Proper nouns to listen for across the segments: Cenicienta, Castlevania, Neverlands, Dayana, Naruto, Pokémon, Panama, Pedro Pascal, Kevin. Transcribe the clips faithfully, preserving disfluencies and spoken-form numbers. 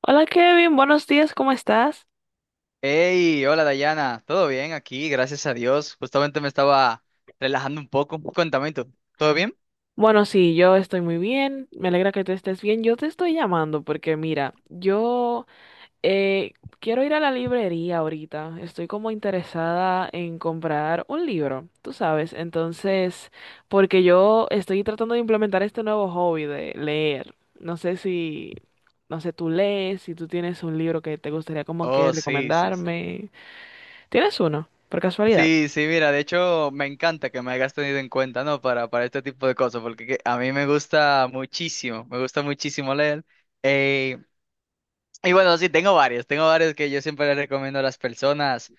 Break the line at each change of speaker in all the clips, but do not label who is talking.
Hola Kevin, buenos días, ¿cómo estás?
Hey, hola Dayana, ¿todo bien aquí? Gracias a Dios. Justamente me estaba relajando un poco. Cuéntame tú, ¿todo bien?
Bueno, sí, yo estoy muy bien, me alegra que tú estés bien. Yo te estoy llamando porque mira, yo eh, quiero ir a la librería ahorita, estoy como interesada en comprar un libro, tú sabes, entonces, porque yo estoy tratando de implementar este nuevo hobby de leer. No sé si, no sé, tú lees, si tú tienes un libro que te gustaría como que
Oh, sí, sí. Sí,
recomendarme. ¿Tienes uno, por casualidad?
sí, sí, mira, de hecho me encanta que me hayas tenido en cuenta, ¿no? Para, para este tipo de cosas, porque que- a mí me gusta muchísimo, me gusta muchísimo leer. Eh, y bueno, sí, tengo varios, tengo varios que yo siempre les recomiendo a las personas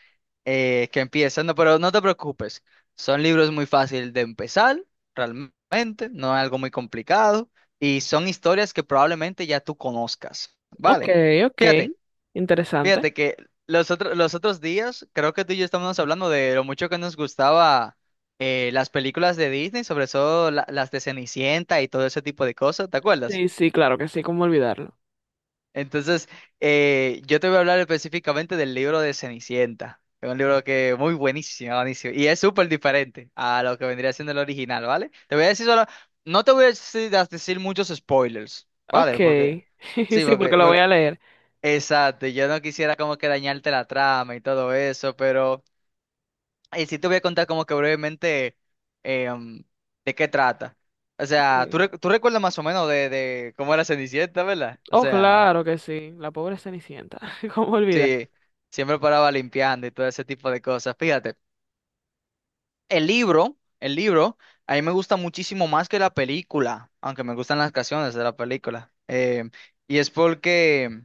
eh, que empiezan, no, pero no te preocupes, son libros muy fáciles de empezar, realmente, no es algo muy complicado, y son historias que probablemente ya tú conozcas,
Ok,
¿vale?
ok,
Fíjate,
interesante.
fíjate que los otros, los otros días, creo que tú y yo estábamos hablando de lo mucho que nos gustaba eh, las películas de Disney, sobre todo la- las de Cenicienta y todo ese tipo de cosas, ¿te acuerdas?
Sí, sí, claro que sí, cómo olvidarlo.
Entonces, eh, yo te voy a hablar específicamente del libro de Cenicienta. Es un libro que muy buenísimo, buenísimo. Y es súper diferente a lo que vendría siendo el original, ¿vale? Te voy a decir solo, no te voy a decir, a decir muchos spoilers,
Ok,
¿vale? Porque, sí,
sí, porque
porque,
lo voy
porque-
a leer.
exacto, yo no quisiera como que dañarte la trama y todo eso, pero y sí te voy a contar como que brevemente em, de qué trata. O sea, tú,
Ok.
rec- tú recuerdas más o menos de, de cómo era Cenicienta, ¿verdad? O
Oh,
sea...
claro que sí, la pobre Cenicienta, cómo olvidar.
Sí, siempre paraba limpiando y todo ese tipo de cosas. Fíjate, el libro, el libro, a mí me gusta muchísimo más que la película, aunque me gustan las canciones de la película. Eh, y es porque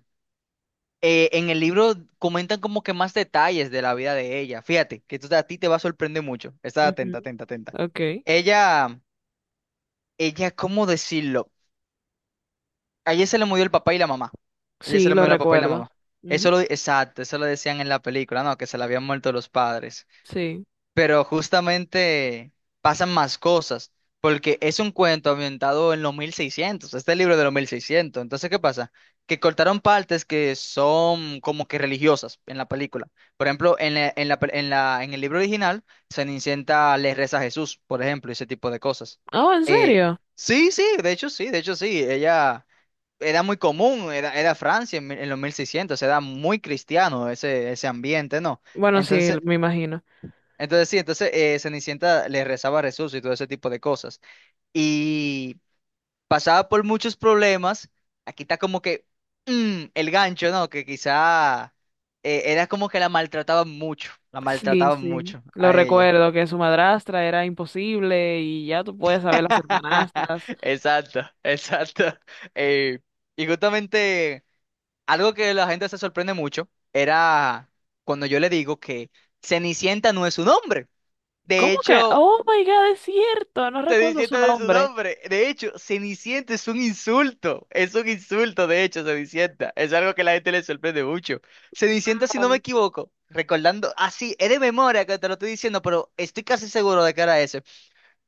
eh, en el libro comentan como que más detalles de la vida de ella. Fíjate, que esto a ti te va a sorprender mucho. Está atenta,
Ujú,
atenta, atenta.
ok,
Ella, ella, ¿cómo decirlo? A ella se le murió el papá y la mamá. A ella se
sí,
le
lo
murió el papá y la
recuerdo.
mamá. Eso
Ujú,
lo, exacto, eso lo decían en la película, ¿no? Que se le habían muerto los padres.
sí.
Pero justamente pasan más cosas, porque es un cuento ambientado en los mil seiscientos, este libro de los mil seiscientos. Entonces, ¿qué pasa? Que cortaron partes que son como que religiosas en la película. Por ejemplo, en la, en la, pe- en la- en el libro original se inicienta le reza a Jesús, por ejemplo, ese tipo de cosas.
Oh, ¿en
Eh,
serio?
sí, sí, de hecho sí, de hecho sí, ella era muy común, era, era Francia en, mil- en los mil seiscientos era muy cristiano ese, ese ambiente, ¿no?
Bueno, sí,
entonces
me imagino.
entonces sí, entonces eh, Cenicienta le rezaba a Jesús y todo ese tipo de cosas. Y pasaba por muchos problemas. Aquí está como que mm, el gancho, ¿no? Que quizá eh, era como que la maltrataban mucho, la
Sí,
maltrataban
sí,
mucho
lo
a ella.
recuerdo, que su madrastra era imposible y ya tú puedes saber las hermanastras.
Exacto, exacto. Eh, y justamente algo que la gente se sorprende mucho era cuando yo le digo que Cenicienta no es un hombre. De
¿Cómo que?
hecho,
Oh, my God, es cierto, no recuerdo su
Cenicienta de su
nombre.
nombre. De hecho, Cenicienta es un insulto. Es un insulto, de hecho, Cenicienta. Es algo que la gente le sorprende mucho. Cenicienta, si no me equivoco, recordando, así, es de memoria que te lo estoy diciendo, pero estoy casi seguro de que era ese.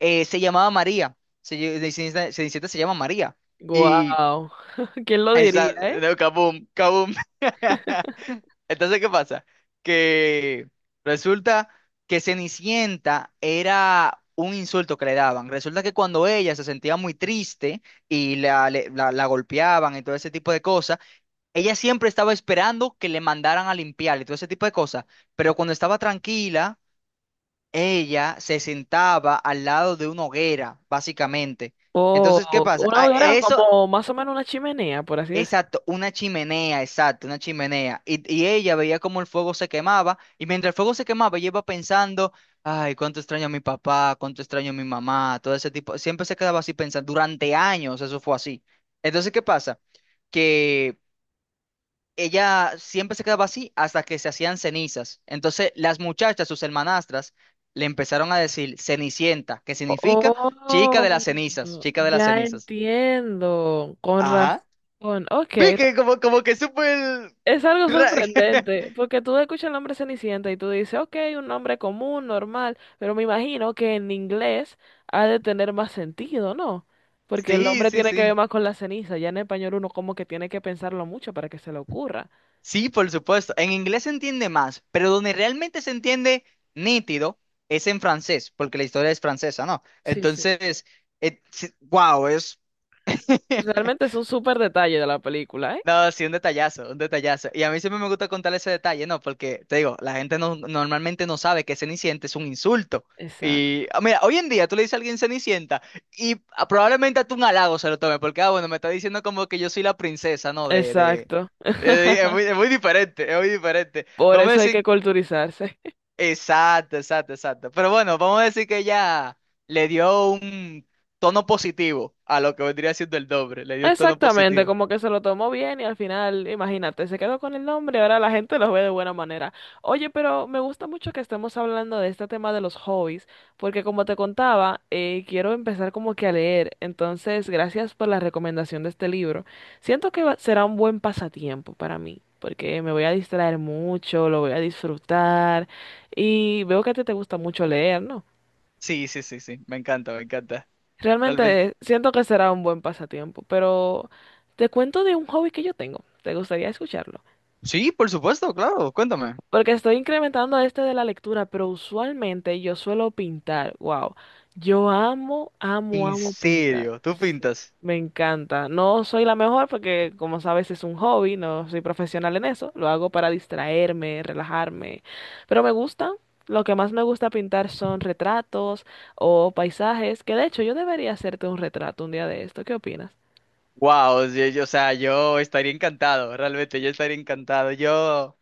eh, se llamaba María. Se, lle- Cenicienta, Cenicienta se llama María. Y
Wow, ¿quién lo
esa,
diría, eh?
no, kaboom, kaboom. Entonces, ¿qué pasa? Que resulta que Cenicienta era un insulto que le daban. Resulta que cuando ella se sentía muy triste y la, le- la, la golpeaban y todo ese tipo de cosas, ella siempre estaba esperando que le mandaran a limpiar y todo ese tipo de cosas. Pero cuando estaba tranquila, ella se sentaba al lado de una hoguera, básicamente. Entonces, ¿qué
Oh,
pasa?
una
A-
hoguera
Eso,
como más o menos una chimenea, por así decirlo.
exacto, una chimenea, exacto, una chimenea. Y, y ella veía cómo el fuego se quemaba, y mientras el fuego se quemaba, ella iba pensando, ay, cuánto extraño a mi papá, cuánto extraño a mi mamá, todo ese tipo. Siempre se quedaba así pensando, durante años eso fue así. Entonces, ¿qué pasa? Que ella siempre se quedaba así hasta que se hacían cenizas. Entonces, las muchachas, sus hermanastras, le empezaron a decir Cenicienta, que significa chica
Oh,
de las cenizas, chica de las
ya
cenizas.
entiendo. Con
Ajá.
razón. Ok.
Vi que como, como que supo el...
Es algo
ra-
sorprendente, porque tú escuchas el nombre Cenicienta y tú dices, ok, un nombre común, normal, pero me imagino que en inglés ha de tener más sentido, ¿no? Porque el
Sí,
nombre
sí,
tiene que ver
sí.
más con la ceniza, ya en español uno como que tiene que pensarlo mucho para que se le ocurra.
Sí, por supuesto. En inglés se entiende más, pero donde realmente se entiende nítido es en francés, porque la historia es francesa, ¿no?
Sí, sí.
Entonces, wow, es...
Realmente es un súper detalle de la película, ¿eh?
No, sí, un detallazo, un detallazo. Y a mí siempre me gusta contar ese detalle, ¿no? Porque, te digo, la gente no, normalmente no sabe que Cenicienta es un insulto.
Exacto.
Y, ah, mira, hoy en día tú le dices a alguien Cenicienta y ah, probablemente a tú un halago se lo tome, porque, ah, bueno, me está diciendo como que yo soy la princesa, ¿no? De, de...
Exacto.
eh, es muy, es muy, diferente, es muy diferente.
Por
Vamos a
eso hay que
decir,
culturizarse.
exacto, exacto, exacto. Pero bueno, vamos a decir que ella le dio un tono positivo a lo que vendría siendo el doble, le dio un tono
Exactamente,
positivo.
como que se lo tomó bien y al final, imagínate, se quedó con el nombre ahora la gente lo ve de buena manera. Oye, pero me gusta mucho que estemos hablando de este tema de los hobbies, porque como te contaba, eh, quiero empezar como que a leer. Entonces, gracias por la recomendación de este libro. Siento que va- será un buen pasatiempo para mí, porque me voy a distraer mucho, lo voy a disfrutar y veo que a ti te gusta mucho leer, ¿no?
Sí, sí, sí, sí, me encanta, me encanta. Realmente.
Realmente siento que será un buen pasatiempo, pero te cuento de un hobby que yo tengo. ¿Te gustaría escucharlo?
Sí, por supuesto, claro, cuéntame.
Porque estoy incrementando este de la lectura, pero usualmente yo suelo pintar. Wow. Yo amo, amo,
En
amo pintar.
serio, tú pintas.
Me encanta. No soy la mejor porque, como sabes, es un hobby, no soy profesional en eso. Lo hago para distraerme, relajarme. Pero me gusta. Lo que más me gusta pintar son retratos o paisajes, que de hecho yo debería hacerte un retrato un día de esto. ¿Qué opinas?
Wow, o sea, yo estaría encantado, realmente, yo estaría encantado. Yo,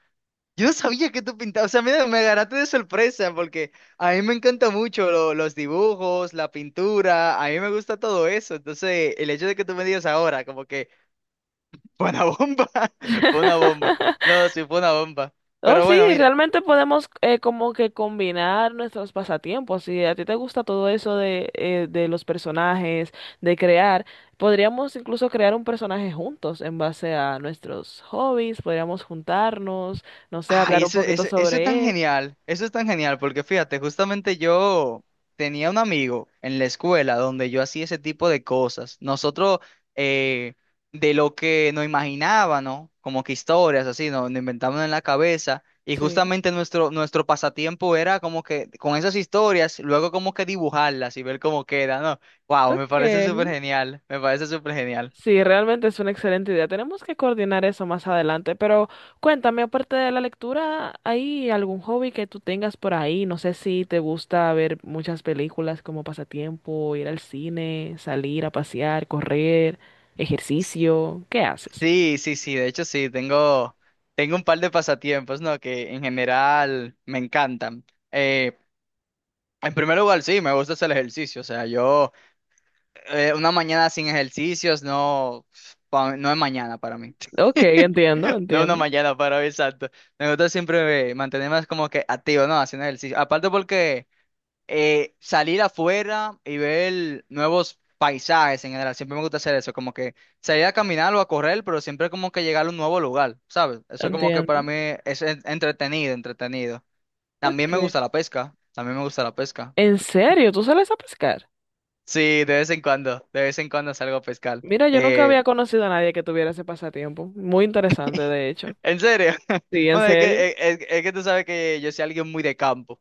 yo no sabía que tú pintabas, o sea, mira, me agarraste de sorpresa porque a mí me encanta mucho lo- los dibujos, la pintura, a mí me gusta todo eso. Entonces, el hecho de que tú me digas ahora, como que fue una bomba, fue una bomba. No, sí, fue una bomba.
Oh,
Pero
sí,
bueno, mira.
realmente podemos eh, como que combinar nuestros pasatiempos. Si a ti te gusta todo eso de, eh, de los personajes, de crear, podríamos incluso crear un personaje juntos en base a nuestros hobbies, podríamos juntarnos, no sé,
Ay,
hablar un
eso,
poquito
eso, eso es tan
sobre él.
genial, eso es tan genial, porque fíjate, justamente yo tenía un amigo en la escuela donde yo hacía ese tipo de cosas. Nosotros, eh, de lo que nos imaginábamos, como que historias así, nos, nos inventábamos en la cabeza, y
Sí.
justamente nuestro, nuestro, pasatiempo era como que con esas historias, luego como que dibujarlas y ver cómo queda, ¿no? Wow, me parece
Ok.
súper genial, me parece súper genial.
Sí, realmente es una excelente idea. Tenemos que coordinar eso más adelante, pero cuéntame, aparte de la lectura, ¿hay algún hobby que tú tengas por ahí? No sé si te gusta ver muchas películas como pasatiempo, ir al cine, salir a pasear, correr, ejercicio, ¿qué haces?
Sí, sí, sí, de hecho sí, tengo, tengo un par de pasatiempos, ¿no? Que en general me encantan. Eh, en primer lugar, sí, me gusta hacer ejercicio, o sea, yo eh, una mañana sin ejercicios no, pa- no es mañana para mí,
Ok, entiendo,
no es una
entiendo,
mañana para mí, exacto. Me gusta siempre eh, mantenerme como que activo, ¿no? Haciendo ejercicio. Aparte porque... eh, salir afuera y ver nuevos paisajes en general. Siempre me gusta hacer eso, como que salir a caminar o a correr, pero siempre como que llegar a un nuevo lugar, ¿sabes? Eso como que para
entiendo.
mí es en- entretenido, entretenido. También me gusta
Okay.
la pesca, también me gusta la pesca.
¿En serio? ¿Tú sales a pescar?
Sí, de vez en cuando, de vez en cuando salgo a pescar.
Mira, yo nunca
Eh,
había conocido a nadie que tuviera ese pasatiempo. Muy interesante, de hecho.
en serio,
Sí, en
bueno, es
serio.
que, es, es- es que tú sabes que yo soy alguien muy de campo,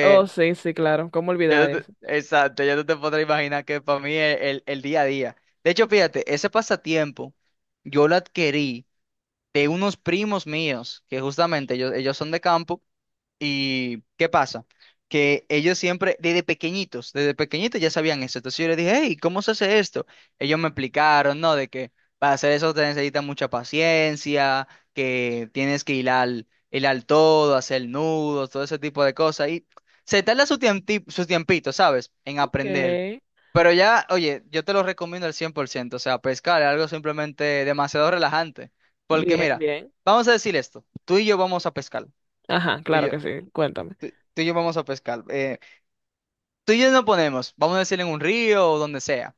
Oh, sí, sí, claro. ¿Cómo
Ya
olvidar
tú
eso?
te- exacto, ya tú te podrás imaginar que para mí es el, el día a día. De hecho, fíjate, ese pasatiempo yo lo adquirí de unos primos míos, que justamente ellos, ellos son de campo. ¿Y qué pasa? Que ellos siempre, desde pequeñitos, desde pequeñitos ya sabían eso. Entonces yo les dije, hey, ¿cómo se hace esto? Ellos me explicaron, ¿no? De que para hacer eso te necesita mucha paciencia, que tienes que hilar, hilar todo, hacer nudos, todo ese tipo de cosas. Y se tarda su tiempi- su tiempito, ¿sabes? En
Ok,
aprender. Pero ya, oye, yo te lo recomiendo al cien por ciento. O sea, pescar es algo simplemente demasiado relajante. Porque
bien,
mira,
bien.
vamos a decir esto. Tú y yo vamos a pescar.
Ajá,
tú y
claro
yo-
que sí, cuéntame.
Tú y yo vamos a pescar. Eh, tú y yo nos ponemos, vamos a decir en un río o donde sea.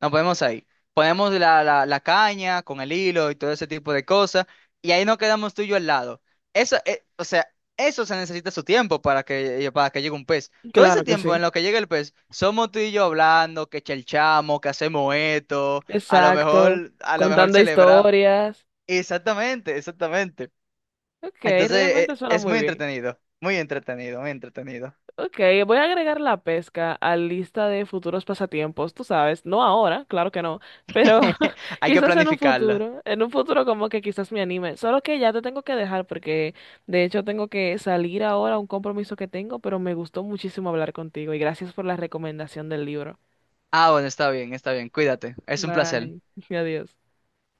Nos ponemos ahí. Ponemos la, la, la caña con el hilo y todo ese tipo de cosas. Y ahí nos quedamos tú y yo al lado. Eso, eh, o sea, eso se necesita su tiempo para que, eh, para que llegue un pez. Todo ese
Claro que sí.
tiempo en lo que llega el pez, somos tú y yo hablando, que chelchamos, que hacemos esto, a lo
Exacto.
mejor, a lo mejor
Contando
celebrar.
historias.
Exactamente, exactamente.
Ok,
Entonces,
realmente
eh,
suena
es
muy
muy
bien.
entretenido, muy entretenido, muy entretenido.
Ok, voy a agregar la pesca a lista de futuros pasatiempos, tú sabes, no ahora, claro que no, pero
Hay que
quizás en un
planificarlo.
futuro, en un futuro como que quizás me anime, solo que ya te tengo que dejar porque de hecho tengo que salir ahora a un compromiso que tengo, pero me gustó muchísimo hablar contigo y gracias por la recomendación del libro.
Ah, bueno, está bien, está bien. Cuídate. Es un placer.
Bye, adiós.